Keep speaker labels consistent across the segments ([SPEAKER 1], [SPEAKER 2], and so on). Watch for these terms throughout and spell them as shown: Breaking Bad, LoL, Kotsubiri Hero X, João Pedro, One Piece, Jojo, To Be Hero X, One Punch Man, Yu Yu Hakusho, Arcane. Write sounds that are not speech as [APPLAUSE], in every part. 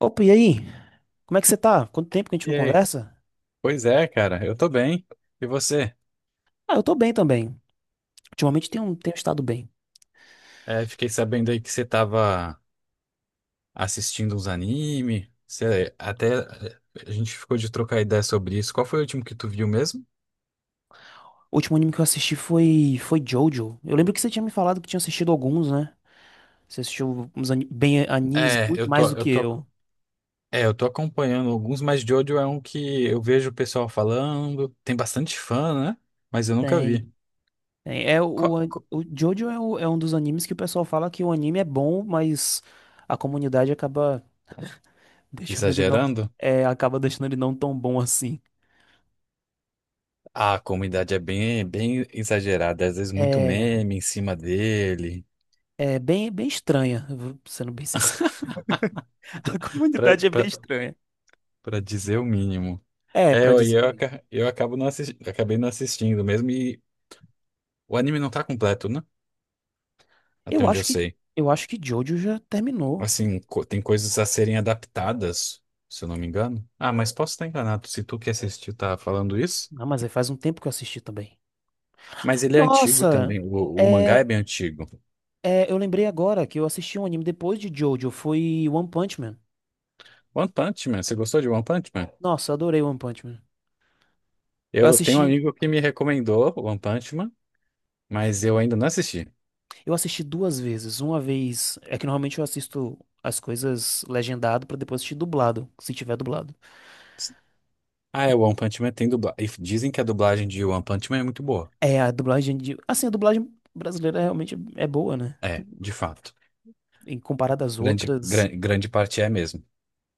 [SPEAKER 1] Opa, e aí? Como é que você tá? Quanto tempo que a gente não
[SPEAKER 2] E aí?
[SPEAKER 1] conversa?
[SPEAKER 2] Pois é, cara, eu tô bem. E você?
[SPEAKER 1] Ah, eu tô bem também. Ultimamente tenho estado bem.
[SPEAKER 2] É, fiquei sabendo aí que você tava assistindo uns anime. Você até A gente ficou de trocar ideia sobre isso. Qual foi o último que tu viu mesmo?
[SPEAKER 1] O último anime que eu assisti foi Jojo. Eu lembro que você tinha me falado que tinha assistido alguns, né? Você assistiu bem animes
[SPEAKER 2] É,
[SPEAKER 1] muito
[SPEAKER 2] eu tô,
[SPEAKER 1] mais do
[SPEAKER 2] eu
[SPEAKER 1] que
[SPEAKER 2] tô,
[SPEAKER 1] eu.
[SPEAKER 2] é, eu tô acompanhando alguns, mas Jojo é um que eu vejo o pessoal falando. Tem bastante fã, né? Mas eu nunca vi.
[SPEAKER 1] Tem. Tem. É, o,
[SPEAKER 2] Co-
[SPEAKER 1] an-
[SPEAKER 2] co-
[SPEAKER 1] o Jojo é um dos animes que o pessoal fala que o anime é bom, mas a comunidade acaba deixando ele não.
[SPEAKER 2] Exagerando?
[SPEAKER 1] É, acaba deixando ele não tão bom assim.
[SPEAKER 2] Ah, a comunidade é bem, bem exagerada, às vezes muito
[SPEAKER 1] É,
[SPEAKER 2] meme em cima dele,
[SPEAKER 1] é bem estranha, eu vou sendo bem sincero. [LAUGHS] A
[SPEAKER 2] [LAUGHS] pra,
[SPEAKER 1] comunidade é bem
[SPEAKER 2] pra,
[SPEAKER 1] estranha.
[SPEAKER 2] pra dizer o mínimo.
[SPEAKER 1] É,
[SPEAKER 2] É,
[SPEAKER 1] pra dizer o
[SPEAKER 2] eu,
[SPEAKER 1] mínimo.
[SPEAKER 2] aca- eu acabo não assis- acabei não assistindo mesmo e o anime não tá completo, né? Até
[SPEAKER 1] Eu
[SPEAKER 2] onde
[SPEAKER 1] acho
[SPEAKER 2] eu
[SPEAKER 1] que
[SPEAKER 2] sei.
[SPEAKER 1] eu acho que Jojo já terminou.
[SPEAKER 2] Assim, tem coisas a serem adaptadas, se eu não me engano. Ah, mas posso estar enganado, se tu que assistiu tá falando isso.
[SPEAKER 1] Ah, mas aí faz um tempo que eu assisti também.
[SPEAKER 2] Mas ele é antigo também,
[SPEAKER 1] Nossa,
[SPEAKER 2] o mangá é
[SPEAKER 1] é,
[SPEAKER 2] bem antigo.
[SPEAKER 1] é, eu lembrei agora que eu assisti um anime depois de Jojo, foi One Punch Man.
[SPEAKER 2] One Punch Man, você gostou de One Punch Man?
[SPEAKER 1] Nossa, eu adorei One Punch Man. Eu
[SPEAKER 2] Eu tenho um
[SPEAKER 1] assisti,
[SPEAKER 2] amigo que me recomendou One Punch Man, mas eu ainda não assisti.
[SPEAKER 1] eu assisti duas vezes. Uma vez, é que normalmente eu assisto as coisas legendado pra depois assistir dublado, se tiver dublado.
[SPEAKER 2] Ah, é, One Punch Man tem dublagem. Dizem que a dublagem de One Punch Man é muito boa.
[SPEAKER 1] É, a dublagem de, assim, a dublagem brasileira realmente é boa, né?
[SPEAKER 2] É, de fato.
[SPEAKER 1] Em comparado às
[SPEAKER 2] Grande,
[SPEAKER 1] outras.
[SPEAKER 2] gran- grande parte é mesmo.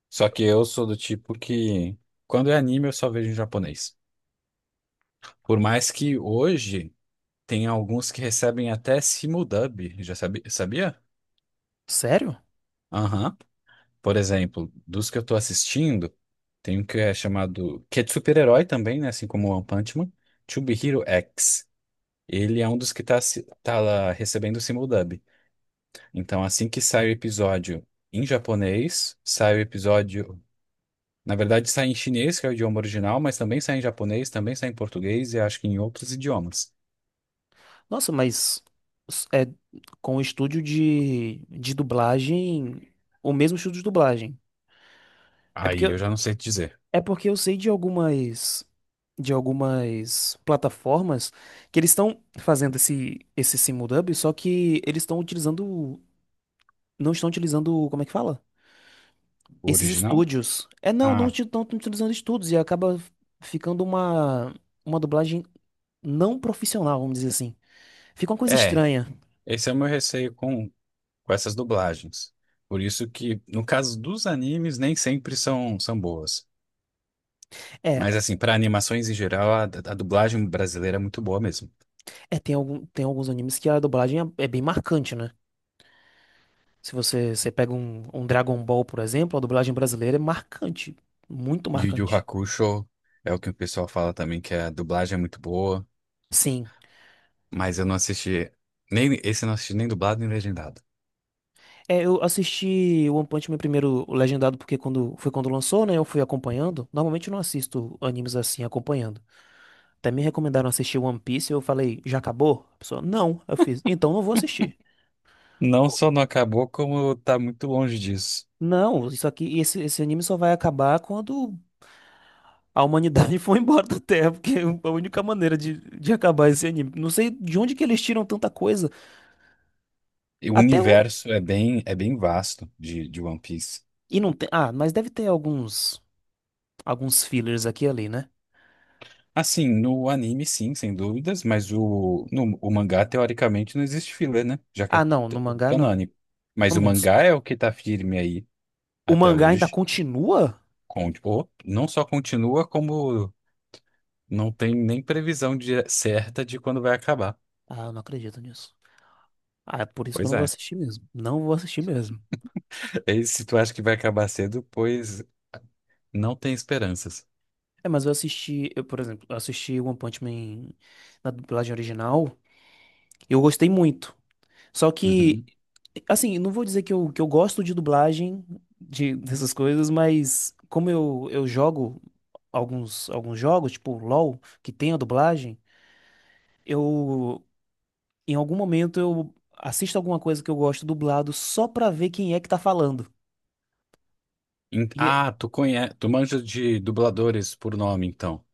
[SPEAKER 2] Só que eu sou do tipo que, quando é anime, eu só vejo em japonês. Por mais que hoje tem alguns que recebem até simuldub, já sabe, sabia?
[SPEAKER 1] Sério?
[SPEAKER 2] Aham. Por exemplo, dos que eu tô assistindo, tem um que é chamado, que é de super-herói também, né? Assim como o One Punch Man, To Be Hero X. Ele é um dos que tá, tá lá recebendo simuldub. Então, assim que sai o episódio em japonês, sai o episódio. Na verdade, sai em chinês, que é o idioma original, mas também sai em japonês, também sai em português e acho que em outros idiomas.
[SPEAKER 1] Nossa, mas é com o estúdio de dublagem, o mesmo estúdio de dublagem. É porque,
[SPEAKER 2] Aí
[SPEAKER 1] eu-
[SPEAKER 2] eu já não sei te dizer.
[SPEAKER 1] É porque eu sei de algumas plataformas que eles estão fazendo esse simuldub, só que eles estão utilizando não estão utilizando, como é que fala?
[SPEAKER 2] O
[SPEAKER 1] Esses
[SPEAKER 2] original?
[SPEAKER 1] estúdios. É, não, não
[SPEAKER 2] Ah,
[SPEAKER 1] estão utilizando estúdios e acaba ficando uma dublagem não profissional, vamos dizer assim. Fica uma coisa
[SPEAKER 2] é.
[SPEAKER 1] estranha.
[SPEAKER 2] Esse é o meu receio com essas dublagens. Por isso que, no caso dos animes, nem sempre são boas.
[SPEAKER 1] É,
[SPEAKER 2] Mas, assim, para animações em geral, a dublagem brasileira é muito boa mesmo.
[SPEAKER 1] é, tem alguns animes que a dublagem é, é bem marcante, né? Se você, você pega um, um Dragon Ball, por exemplo, a dublagem brasileira é marcante. Muito
[SPEAKER 2] Yu Yu
[SPEAKER 1] marcante.
[SPEAKER 2] Hakusho é o que o pessoal fala também, que a dublagem é muito boa,
[SPEAKER 1] Sim.
[SPEAKER 2] mas eu não assisti. Nem, esse eu não assisti nem dublado nem legendado.
[SPEAKER 1] É, eu assisti One Punch Man primeiro legendado porque quando lançou, né? Eu fui acompanhando. Normalmente eu não assisto animes assim acompanhando. Até me recomendaram assistir One Piece, eu falei, já acabou? A pessoa, não. Eu fiz, então não vou assistir.
[SPEAKER 2] Não só não acabou, como tá muito longe disso.
[SPEAKER 1] Não, isso aqui, esse anime só vai acabar quando a humanidade [LAUGHS] foi embora da Terra, porque é a única maneira de acabar esse anime. Não sei de onde que eles tiram tanta coisa.
[SPEAKER 2] E o
[SPEAKER 1] Até o.
[SPEAKER 2] universo é bem vasto de One Piece.
[SPEAKER 1] E não tem. Ah, mas deve ter alguns. Alguns fillers aqui e ali, né?
[SPEAKER 2] Assim, no anime, sim, sem dúvidas, mas o, no, o mangá, teoricamente, não existe filler, né? Já que é
[SPEAKER 1] Ah, não, no mangá não.
[SPEAKER 2] canônico. Mas o
[SPEAKER 1] Mas
[SPEAKER 2] mangá é o que tá firme aí
[SPEAKER 1] o
[SPEAKER 2] até
[SPEAKER 1] mangá ainda
[SPEAKER 2] hoje.
[SPEAKER 1] continua?
[SPEAKER 2] Com, ou não só continua, como não tem nem previsão certa de quando vai acabar.
[SPEAKER 1] Ah, eu não acredito nisso. Ah, é por isso que eu
[SPEAKER 2] Pois
[SPEAKER 1] não vou
[SPEAKER 2] é.
[SPEAKER 1] assistir mesmo. Não vou assistir mesmo.
[SPEAKER 2] [LAUGHS] E se tu acha que vai acabar cedo, pois não tem esperanças.
[SPEAKER 1] É, mas eu assisti. Eu, por exemplo, eu assisti One Punch Man na dublagem original. Eu gostei muito. Só que,
[SPEAKER 2] Uhum.
[SPEAKER 1] assim, não vou dizer que eu gosto de dublagem, de, dessas coisas, mas como eu jogo alguns jogos, tipo LoL, que tem a dublagem, eu, em algum momento, eu assisto alguma coisa que eu gosto dublado só pra ver quem é que tá falando. E, é-
[SPEAKER 2] Ah, tu manja de dubladores por nome, então.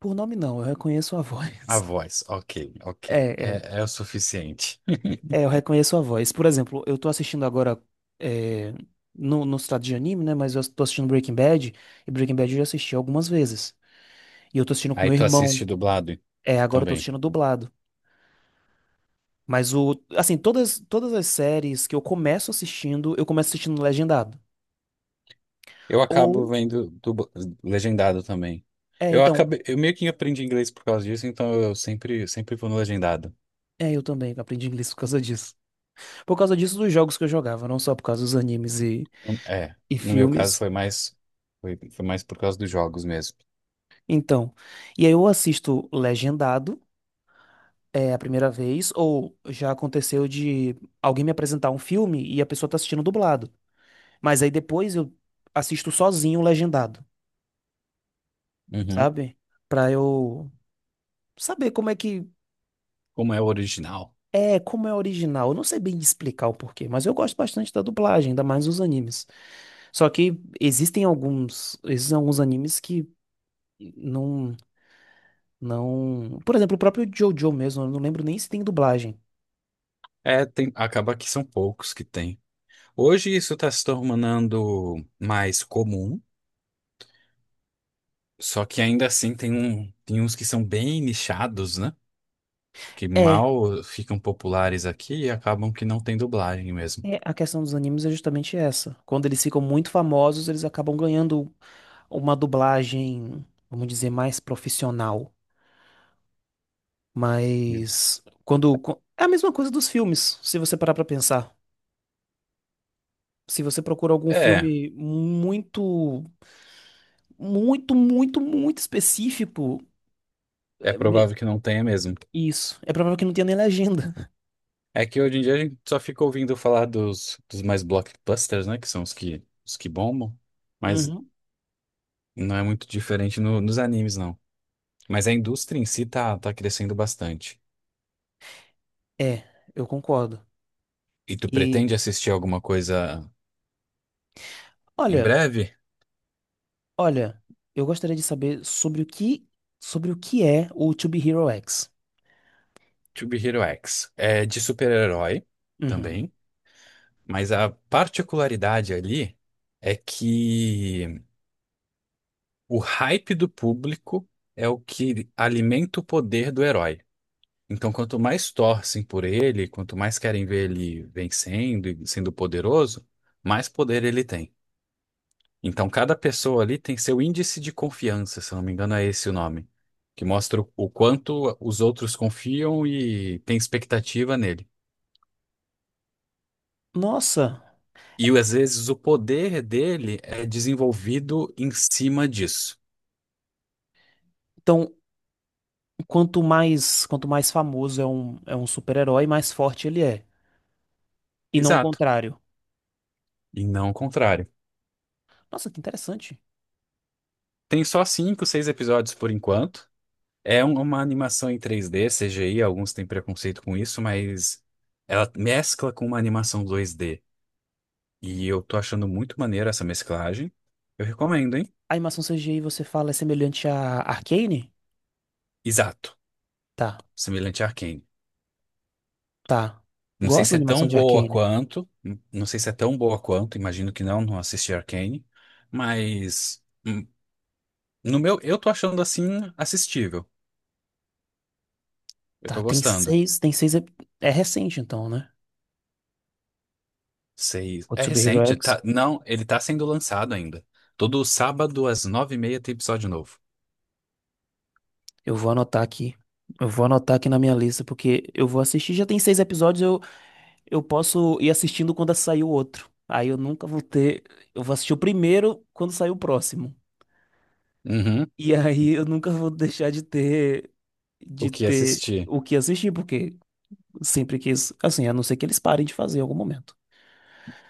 [SPEAKER 1] por nome não, eu reconheço a [LAUGHS]
[SPEAKER 2] A
[SPEAKER 1] voz.
[SPEAKER 2] voz, ok,
[SPEAKER 1] É,
[SPEAKER 2] ok.
[SPEAKER 1] é,
[SPEAKER 2] é, o suficiente. [LAUGHS]
[SPEAKER 1] é, eu reconheço a voz. Por exemplo, eu tô assistindo agora, é, no estado de anime, né, mas eu tô assistindo Breaking Bad, e Breaking Bad eu já assisti algumas vezes. E eu tô assistindo com
[SPEAKER 2] Aí
[SPEAKER 1] meu
[SPEAKER 2] tu assiste
[SPEAKER 1] irmão.
[SPEAKER 2] dublado
[SPEAKER 1] É, agora eu tô
[SPEAKER 2] também.
[SPEAKER 1] assistindo dublado. Mas o, assim, todas as séries que eu começo assistindo legendado.
[SPEAKER 2] Eu acabo
[SPEAKER 1] Ou,
[SPEAKER 2] vendo legendado também.
[SPEAKER 1] é,
[SPEAKER 2] Eu
[SPEAKER 1] então,
[SPEAKER 2] acabei, eu meio que aprendi inglês por causa disso, então eu sempre, sempre vou no legendado.
[SPEAKER 1] é, eu também aprendi inglês por causa disso. Por causa disso dos jogos que eu jogava, não só por causa dos animes
[SPEAKER 2] É,
[SPEAKER 1] e
[SPEAKER 2] no meu caso
[SPEAKER 1] filmes.
[SPEAKER 2] foi mais por causa dos jogos mesmo.
[SPEAKER 1] Então, e aí eu assisto legendado, é, a primeira vez, ou já aconteceu de alguém me apresentar um filme e a pessoa tá assistindo dublado. Mas aí depois eu assisto sozinho legendado,
[SPEAKER 2] Uhum.
[SPEAKER 1] sabe? Pra eu saber como é que
[SPEAKER 2] Como é o original.
[SPEAKER 1] é, como é original. Eu não sei bem explicar o porquê, mas eu gosto bastante da dublagem, ainda mais os animes. Só que existem alguns animes que não, não. Por exemplo, o próprio JoJo mesmo, eu não lembro nem se tem dublagem.
[SPEAKER 2] É, tem, acaba que são poucos que tem. Hoje isso está se tornando mais comum. Só que ainda assim tem uns que são bem nichados, né? Que
[SPEAKER 1] É.
[SPEAKER 2] mal ficam populares aqui e acabam que não tem dublagem mesmo.
[SPEAKER 1] É, a questão dos animes é justamente essa. Quando eles ficam muito famosos, eles acabam ganhando uma dublagem, vamos dizer, mais profissional. Mas é a mesma coisa dos filmes, se você parar pra pensar. Se você procura algum
[SPEAKER 2] É,
[SPEAKER 1] filme muito específico,
[SPEAKER 2] é
[SPEAKER 1] é me-
[SPEAKER 2] provável que não tenha mesmo.
[SPEAKER 1] isso. É provável que não tenha nem legenda.
[SPEAKER 2] É que hoje em dia a gente só fica ouvindo falar dos mais blockbusters, né? Que são os que bombam. Mas
[SPEAKER 1] Uhum.
[SPEAKER 2] não é muito diferente nos animes, não. Mas a indústria em si tá crescendo bastante.
[SPEAKER 1] É, eu concordo.
[SPEAKER 2] E tu
[SPEAKER 1] E
[SPEAKER 2] pretende assistir alguma coisa em
[SPEAKER 1] olha,
[SPEAKER 2] breve?
[SPEAKER 1] olha, eu gostaria de saber sobre o que é o To Be Hero X.
[SPEAKER 2] To Be Hero X. É de super-herói
[SPEAKER 1] Uhum.
[SPEAKER 2] também. Mas a particularidade ali é que o hype do público é o que alimenta o poder do herói. Então, quanto mais torcem por ele, quanto mais querem ver ele vencendo e sendo poderoso, mais poder ele tem. Então, cada pessoa ali tem seu índice de confiança, se eu não me engano, é esse o nome, que mostra o quanto os outros confiam e têm expectativa nele.
[SPEAKER 1] Nossa,
[SPEAKER 2] E às vezes o poder dele é desenvolvido em cima disso.
[SPEAKER 1] então quanto mais famoso é um super-herói, mais forte ele é. E não o
[SPEAKER 2] Exato.
[SPEAKER 1] contrário.
[SPEAKER 2] E não o contrário.
[SPEAKER 1] Nossa, que interessante.
[SPEAKER 2] Tem só cinco, seis episódios por enquanto. Uma animação em 3D CGI, alguns têm preconceito com isso, mas ela mescla com uma animação 2D. E eu tô achando muito maneira essa mesclagem. Eu recomendo, hein?
[SPEAKER 1] A animação CGI, você fala, é semelhante a Arcane?
[SPEAKER 2] Exato.
[SPEAKER 1] Tá.
[SPEAKER 2] Semelhante a Arcane.
[SPEAKER 1] Tá.
[SPEAKER 2] Não sei
[SPEAKER 1] Gosto da
[SPEAKER 2] se é
[SPEAKER 1] animação
[SPEAKER 2] tão
[SPEAKER 1] de
[SPEAKER 2] boa
[SPEAKER 1] Arcane.
[SPEAKER 2] quanto. Não sei se é tão boa quanto, imagino que não, não assisti Arcane. Mas no meu, eu tô achando assim assistível. Eu
[SPEAKER 1] Tá,
[SPEAKER 2] tô
[SPEAKER 1] tem
[SPEAKER 2] gostando.
[SPEAKER 1] seis, tem seis. ep- É recente então, né?
[SPEAKER 2] Seis. É
[SPEAKER 1] Kotsubiri Hero
[SPEAKER 2] recente.
[SPEAKER 1] X.
[SPEAKER 2] Tá. Não, ele tá sendo lançado ainda. Todo sábado às 9h30 tem episódio novo.
[SPEAKER 1] Eu vou anotar aqui. Eu vou anotar aqui na minha lista, porque eu vou assistir. Já tem 6 episódios, eu posso ir assistindo quando sair o outro. Aí eu nunca vou ter. Eu vou assistir o primeiro quando sair o próximo.
[SPEAKER 2] Uhum.
[SPEAKER 1] E aí eu nunca vou deixar de ter.
[SPEAKER 2] O
[SPEAKER 1] De
[SPEAKER 2] que
[SPEAKER 1] ter
[SPEAKER 2] assistir?
[SPEAKER 1] o que assistir, porque sempre quis. Assim, a não ser que eles parem de fazer em algum momento.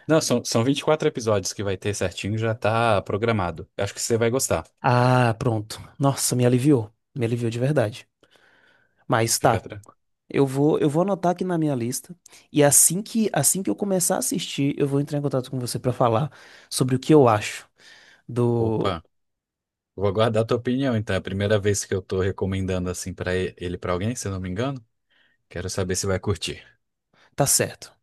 [SPEAKER 2] Não, são, são 24 episódios que vai ter certinho, já tá programado. Acho que você vai gostar.
[SPEAKER 1] Ah, pronto. Nossa, me aliviou. Me aliviou de verdade. Mas
[SPEAKER 2] Fica
[SPEAKER 1] tá.
[SPEAKER 2] tranquilo.
[SPEAKER 1] Eu vou anotar aqui na minha lista e assim que eu começar a assistir, eu vou entrar em contato com você pra falar sobre o que eu acho do
[SPEAKER 2] Opa, vou aguardar a tua opinião, então. É a primeira vez que eu tô recomendando assim pra ele pra alguém, se eu não me engano. Quero saber se vai curtir.
[SPEAKER 1] tá certo.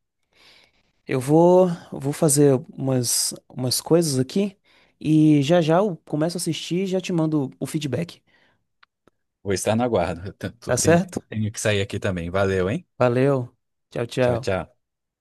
[SPEAKER 1] Eu vou fazer umas coisas aqui e já já eu começo a assistir e já te mando o feedback.
[SPEAKER 2] Vou estar na guarda. Eu te- tu
[SPEAKER 1] Tá
[SPEAKER 2] tem-
[SPEAKER 1] certo?
[SPEAKER 2] Tenho que sair aqui também. Valeu, hein?
[SPEAKER 1] Valeu. Tchau,
[SPEAKER 2] Tchau,
[SPEAKER 1] tchau.
[SPEAKER 2] tchau.